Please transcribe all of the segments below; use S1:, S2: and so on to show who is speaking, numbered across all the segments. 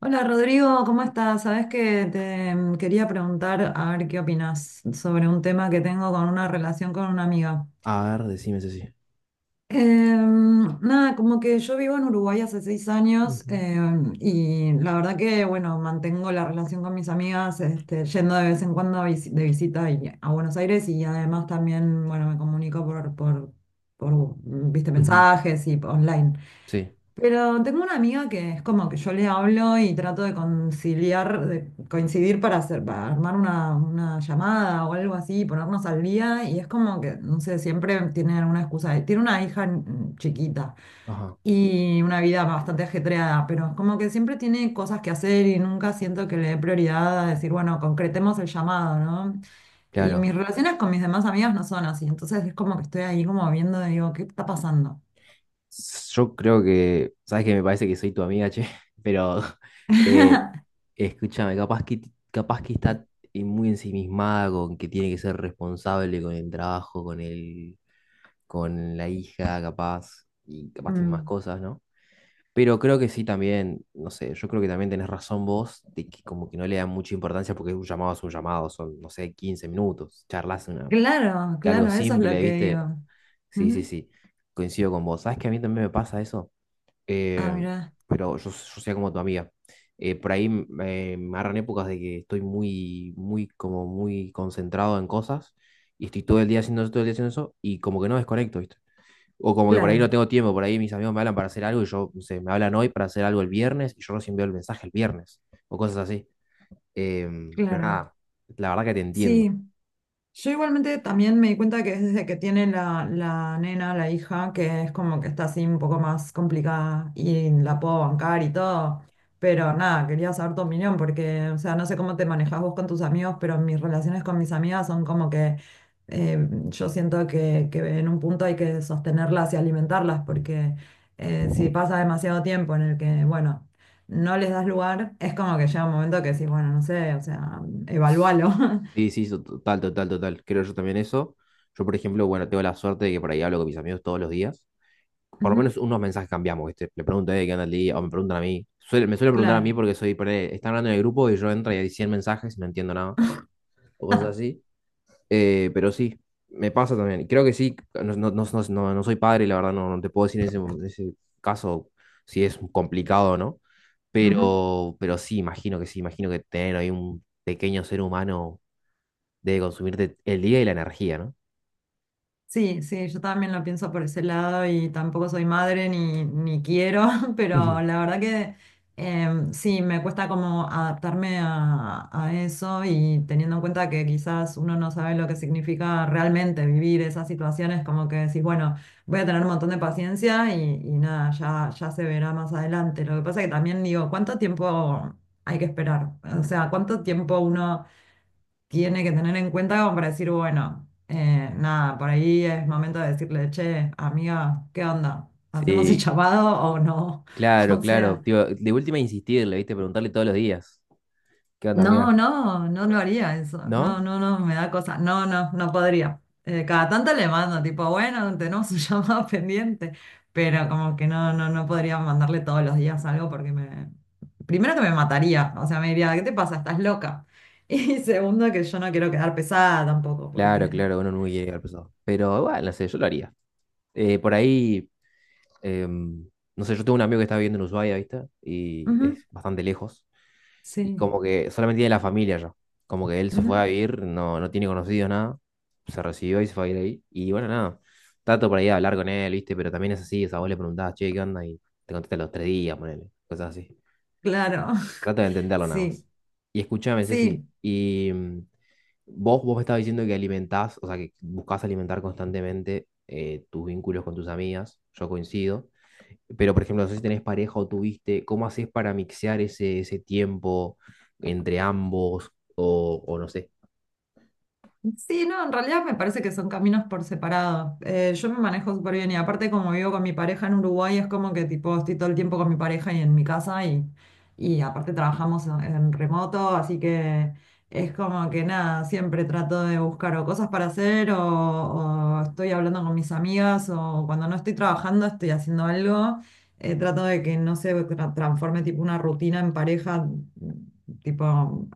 S1: Hola Rodrigo, ¿cómo estás? Sabes que te quería preguntar a ver qué opinas sobre un tema que tengo con una relación con una amiga.
S2: A ver, decime si sí.
S1: Nada, como que yo vivo en Uruguay hace 6 años
S2: Ujú,
S1: y la verdad que, bueno, mantengo la relación con mis amigas, este, yendo de vez en cuando a visi- de visita y- a Buenos Aires y además también, bueno, me comunico por, viste,
S2: ujú,
S1: mensajes y online.
S2: sí,
S1: Pero tengo una amiga que es como que yo le hablo y trato de conciliar, de coincidir para hacer, para armar una llamada o algo así, ponernos al día, y es como que, no sé, siempre tiene alguna excusa. Tiene una hija chiquita
S2: ajá.
S1: y una vida bastante ajetreada, pero es como que siempre tiene cosas que hacer y nunca siento que le dé prioridad a decir, bueno, concretemos el llamado, ¿no? Y
S2: Claro.
S1: mis relaciones con mis demás amigas no son así, entonces es como que estoy ahí como viendo, digo, ¿qué está pasando?
S2: Yo creo que, sabes que me parece que soy tu amiga, che, pero eh, escúchame, capaz que está muy ensimismada con que tiene que ser responsable con el trabajo, con la hija, capaz, y capaz tiene más
S1: Mm.
S2: cosas, ¿no? Pero creo que sí también, no sé, yo creo que también tenés razón vos de que como que no le dan mucha importancia porque un llamado es un llamado, son, no sé, 15 minutos, charlas una
S1: Claro,
S2: algo
S1: claro, eso es lo
S2: simple,
S1: que
S2: ¿viste?
S1: digo.
S2: Sí, sí,
S1: Ujú.
S2: sí, coincido con vos. ¿Sabes que a mí también me pasa eso?
S1: Ah,
S2: Eh,
S1: mira,
S2: pero yo sea como tu amiga. Por ahí me agarran épocas de que estoy muy, muy, como muy concentrado en cosas y estoy todo el día haciendo eso, todo el día haciendo eso y como que no desconecto, ¿viste? O como que por ahí no
S1: claro,
S2: tengo tiempo, por ahí mis amigos me hablan para hacer algo y yo, no sé, me hablan hoy para hacer algo el viernes y yo recién veo el mensaje el viernes o cosas así. Pero
S1: claro.
S2: nada, la verdad que te entiendo.
S1: Sí, yo igualmente también me di cuenta que desde que tiene la nena, la hija, que es como que está así un poco más complicada y la puedo bancar y todo. Pero nada, quería saber tu opinión porque, o sea, no sé cómo te manejas vos con tus amigos, pero mis relaciones con mis amigas son como que yo siento que en un punto hay que sostenerlas y alimentarlas porque si pasa demasiado tiempo en el que, bueno, no les das lugar, es como que llega un momento que decís, bueno, no sé, o sea, evalúalo.
S2: Sí, sí, total, total, total. Creo yo también eso. Yo, por ejemplo, bueno, tengo la suerte de que por ahí hablo con mis amigos todos los días. Por lo menos
S1: Ujú.
S2: unos mensajes cambiamos, ¿viste? Le pregunto, ¿qué onda el día? O me preguntan a mí. Me suelen preguntar a mí
S1: Claro.
S2: porque soy, ponele, están hablando en el grupo y yo entro y hay 100 mensajes y no entiendo nada. O cosas así. Pero sí, me pasa también. Creo que sí, no, no, no, no, no soy padre, la verdad, no, no te puedo decir en ese caso si es complicado o no.
S1: Ujú.
S2: Pero sí, imagino que tener ahí un pequeño ser humano de consumirte el día y la energía, ¿no?
S1: Sí, sí, yo también lo pienso por ese lado y tampoco soy madre ni quiero, pero
S2: Ujú,
S1: la verdad que sí, me cuesta como adaptarme a eso y teniendo en cuenta que quizás uno no sabe lo que significa realmente vivir esas situaciones, como que decís, bueno, voy a tener un montón de paciencia y nada, ya, ya se verá más adelante. Lo que pasa que también digo, ¿cuánto tiempo hay que esperar? O sea, ¿cuánto tiempo uno tiene que tener en cuenta como para decir, bueno, nada, por ahí es momento de decirle, che, amiga, ¿qué onda? ¿Hacemos el
S2: sí,
S1: chapado o no?
S2: claro,
S1: O
S2: claro.
S1: sea,
S2: Tío, de última insistirle, ¿viste? Preguntarle todos los días. ¿Qué onda,
S1: no,
S2: mía?
S1: no, no lo haría eso.
S2: ¿No?
S1: No, no, no, me da cosa. No, no, no podría. Cada tanto le mando, tipo, bueno, tenemos un llamado pendiente, pero como que no, no, no podría mandarle todos los días algo porque me primero que me mataría, o sea, me diría, ¿qué te pasa? ¿Estás loca? Y segundo que yo no quiero quedar pesada tampoco,
S2: Claro,
S1: porque
S2: claro, uno nunca quiere llegar pesado. Pero bueno, no sé, yo lo haría. Por ahí, em, no sé, yo tengo un amigo que está viviendo en Ushuaia, ¿viste? Y
S1: Ujú.
S2: es bastante lejos. Y
S1: Sí,
S2: como que solamente tiene la familia ya. Como que él se fue
S1: ujú,
S2: a vivir, no, no tiene conocidos, nada. Se recibió y se fue a vivir ahí. Y bueno, nada. Trato por ahí de hablar con él, ¿viste? Pero también es así, o sea, vos le preguntás, che, ¿qué onda? Y te contesta los tres días, ponele. Cosas así.
S1: claro,
S2: Trato de entenderlo nada
S1: sí,
S2: más. Y escuchame, Ceci.
S1: sí,
S2: Y vos me estabas diciendo que alimentás, o sea, que buscás alimentar constantemente tus vínculos con tus amigas. Yo coincido. Pero, por ejemplo, no sé si tenés pareja o tuviste, ¿cómo haces para mixear ese tiempo entre ambos? O no sé.
S1: sí, no, en realidad me parece que son caminos por separado. Yo me manejo súper bien y aparte como vivo con mi pareja en Uruguay es como que tipo estoy todo el tiempo con mi pareja y en mi casa y aparte trabajamos en remoto, así que es como que nada, siempre trato de buscar o cosas para hacer o estoy hablando con mis amigas o cuando no estoy trabajando estoy haciendo algo. Trato de que no se tra- transforme tipo una rutina en pareja, tipo,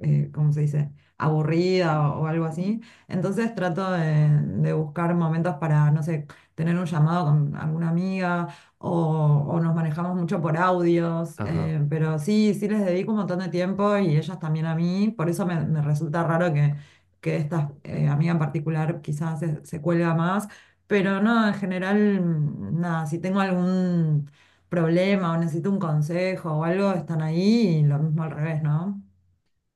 S1: ¿cómo se dice? Aburrida o algo así. Entonces trato de buscar momentos para, no sé, tener un llamado con alguna amiga o, o nos manejamos mucho por audios,
S2: Ajá,
S1: pero sí, sí les dedico un montón de tiempo y ellas también a mí, por eso me resulta raro que esta amiga en particular quizás se cuelga más, pero no, en general, nada, si tengo algún problema o necesito un consejo o algo, están ahí y lo mismo al revés, ¿no?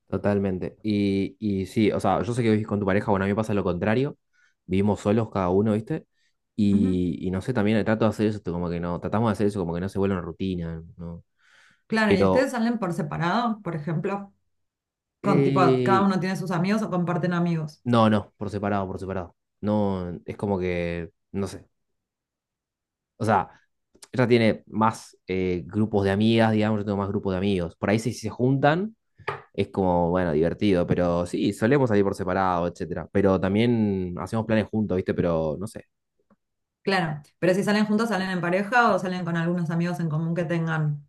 S2: totalmente. Y sí, o sea, yo sé que vivís con tu pareja, bueno, a mí me pasa lo contrario. Vivimos solos cada uno, ¿viste?
S1: Ujú.
S2: Y no sé, también trato de hacer eso, como que no, tratamos de hacer eso como que no se vuelva una rutina, ¿no?
S1: Claro, ¿y ustedes
S2: Pero,
S1: salen por separado, por ejemplo? Con, tipo, cada
S2: eh,
S1: uno tiene sus amigos o comparten amigos.
S2: no, no, por separado, por separado. No, es como que, no sé. O sea, ella tiene más grupos de amigas, digamos, yo tengo más grupos de amigos. Por ahí si se juntan, es como, bueno, divertido, pero sí, solemos salir por separado, etcétera. Pero también hacemos planes juntos, ¿viste? Pero no sé,
S1: Claro, pero si salen juntos, salen en pareja o salen con algunos amigos en común que tengan.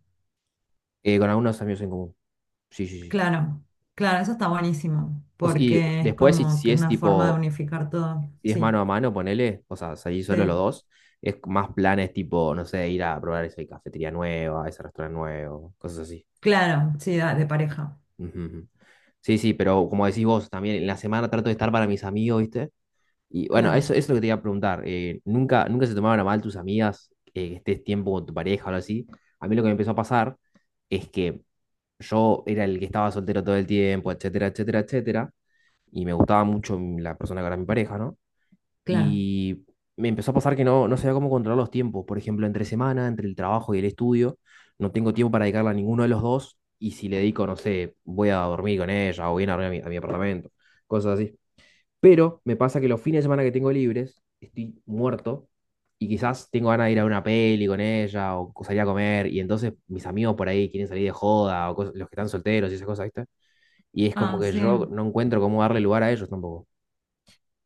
S2: con algunos amigos en común. Sí, sí, sí.
S1: Claro, claro, eso está buenísimo,
S2: O sea, y
S1: porque es
S2: después
S1: como que una forma de unificar todo.
S2: si es
S1: Sí,
S2: mano a mano, ponele, o sea, salir solo los
S1: sí,
S2: dos, es más planes tipo, no sé, ir a probar esa cafetería nueva, ese restaurante nuevo, cosas así.
S1: claro, sí, da- de pareja.
S2: Ujú, ujú. Sí, sí, pero como decís vos, también en la semana trato de estar para mis amigos, ¿viste? Y bueno,
S1: Claro,
S2: eso es lo que te iba a preguntar. Nunca se tomaban a mal tus amigas que estés tiempo con tu pareja o algo así? A mí lo que me empezó a pasar es que yo era el que estaba soltero todo el tiempo, etcétera, etcétera, etcétera, y me gustaba mucho la persona que era mi pareja, ¿no?
S1: claro.
S2: Y me empezó a pasar que no, no sabía cómo controlar los tiempos. Por ejemplo, entre semana, entre el trabajo y el estudio, no tengo tiempo para dedicarle a ninguno de los dos, y si le dedico, no sé, voy a dormir con ella o voy a ir a dormir a mi apartamento, cosas así. Pero me pasa que los fines de semana que tengo libres, estoy muerto y quizás tengo ganas de ir a una peli con ella o salir a comer y entonces mis amigos por ahí quieren salir de joda o cosas- los que están solteros y esas cosas, ¿viste? Y es como
S1: Ah,
S2: que
S1: sí.
S2: yo no encuentro cómo darle lugar a ellos tampoco.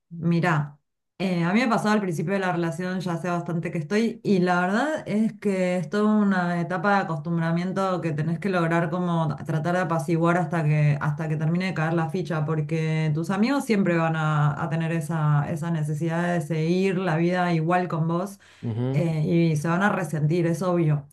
S1: Mirá, a mí me pasó al principio de la relación, ya hace bastante que estoy, y la verdad es que es toda una etapa de acostumbramiento que tenés que lograr como tratar de apaciguar hasta que termine de caer la ficha, porque tus amigos siempre van a tener esa, esa necesidad de seguir la vida igual con vos,
S2: Ujú,
S1: eh, y se van a resentir, es obvio.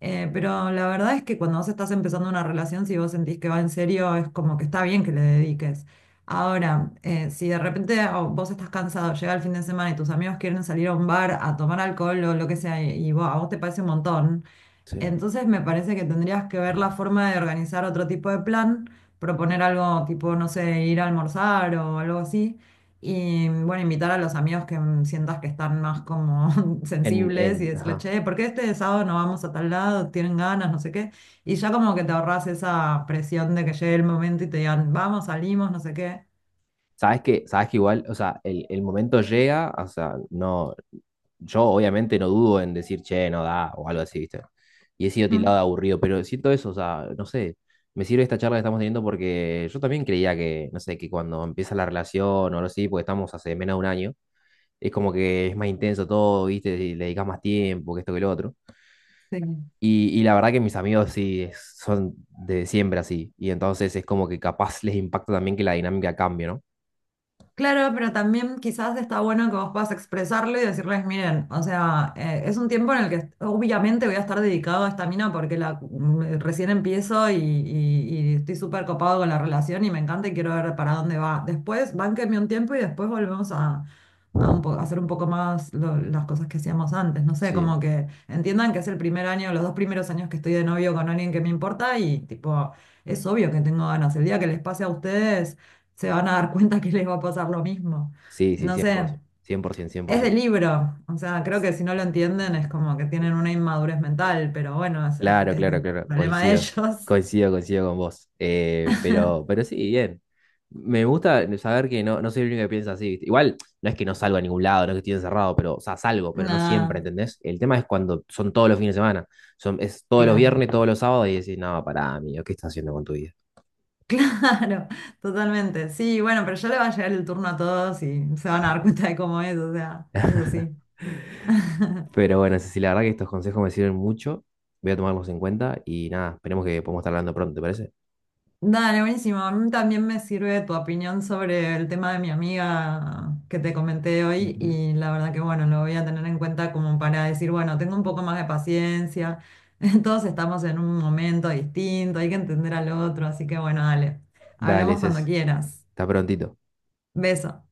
S1: Pero la verdad es que cuando vos estás empezando una relación, si vos sentís que va en serio, es como que está bien que le dediques. Ahora, si de repente oh, vos estás cansado, llega el fin de semana y tus amigos quieren salir a un bar a tomar alcohol o lo que sea, y vos- a vos te parece un montón,
S2: sí.
S1: entonces me parece que tendrías que ver la forma de organizar otro tipo de plan, proponer algo tipo, no sé, ir a almorzar o algo así. Y bueno, invitar a los amigos que sientas que están más como sensibles y decirle,
S2: Ajá.
S1: che, ¿por qué este sábado no vamos a tal lado? ¿Tienen ganas? No sé qué. Y ya como que te ahorras esa presión de que llegue el momento y te digan, vamos, salimos, no sé qué.
S2: Sabes que igual, o sea, el momento llega, o sea, no, yo obviamente no dudo en decir, che, no da, o algo así, ¿viste? Y he sido tildado
S1: Ujú.
S2: de aburrido, pero siento eso, o sea, no sé, me sirve esta charla que estamos teniendo porque yo también creía que, no sé, que cuando empieza la relación o algo así, porque estamos hace menos de un año, es como que es más intenso todo, ¿viste? Y le dedicas más tiempo, que esto que lo otro.
S1: Sí.
S2: Y la verdad que mis amigos sí son de siempre así, y entonces es como que capaz les impacta también que la dinámica cambie, ¿no?
S1: Claro, pero también quizás está bueno que vos puedas expresarlo y decirles, miren, o sea, es un tiempo en el que obviamente voy a estar dedicado a esta mina porque la, recién empiezo y estoy súper copado con la relación y me encanta y quiero ver para dónde va. Después, bánquenme un tiempo y después volvemos a un po- a hacer un poco más lo- las cosas que hacíamos antes. No sé,
S2: Sí,
S1: como que entiendan que es el primer año, los dos primeros años que estoy de novio con alguien que me importa y tipo es obvio que tengo ganas. El día que les pase a ustedes se van a dar cuenta que les va a pasar lo mismo.
S2: sí, sí,
S1: No
S2: cien por
S1: sé,
S2: ciento, cien por cien por
S1: es de
S2: 100%.
S1: libro, o sea, creo que si no lo entienden es como que tienen una inmadurez mental, pero bueno,
S2: Claro,
S1: es
S2: claro,
S1: del
S2: claro,
S1: problema de
S2: coincido,
S1: ellos.
S2: coincido, coincido con vos. Pero, pero sí, bien. Me gusta saber que no, no soy el único que piensa así, ¿viste? Igual no es que no salgo a ningún lado, no es que estoy encerrado, pero, o sea, salgo, pero no siempre,
S1: Nada,
S2: ¿entendés? El tema es cuando son todos los fines de semana, son, es todos los
S1: claro,
S2: viernes, todos los sábados, y decís, no, pará, amigo, ¿qué estás haciendo con tu vida?
S1: claro, totalmente. Sí, bueno, pero ya le va a llegar el turno a todos y se van a dar cuenta de cómo es, o sea, eso sí.
S2: Pero bueno, Ceci, la verdad que estos consejos me sirven mucho, voy a tomarlos en cuenta y nada, esperemos que podamos estar hablando pronto, ¿te parece?
S1: Dale, buenísimo. A mí también me sirve tu opinión sobre el tema de mi amiga que te comenté hoy
S2: Ujú.
S1: y la verdad que bueno, lo voy a tener en cuenta como para decir, bueno, tengo un poco más de paciencia, todos estamos en un momento distinto, hay que entender al otro, así que bueno, dale,
S2: Dale,
S1: hablamos
S2: Ceci,
S1: cuando quieras.
S2: hasta prontito.
S1: Beso.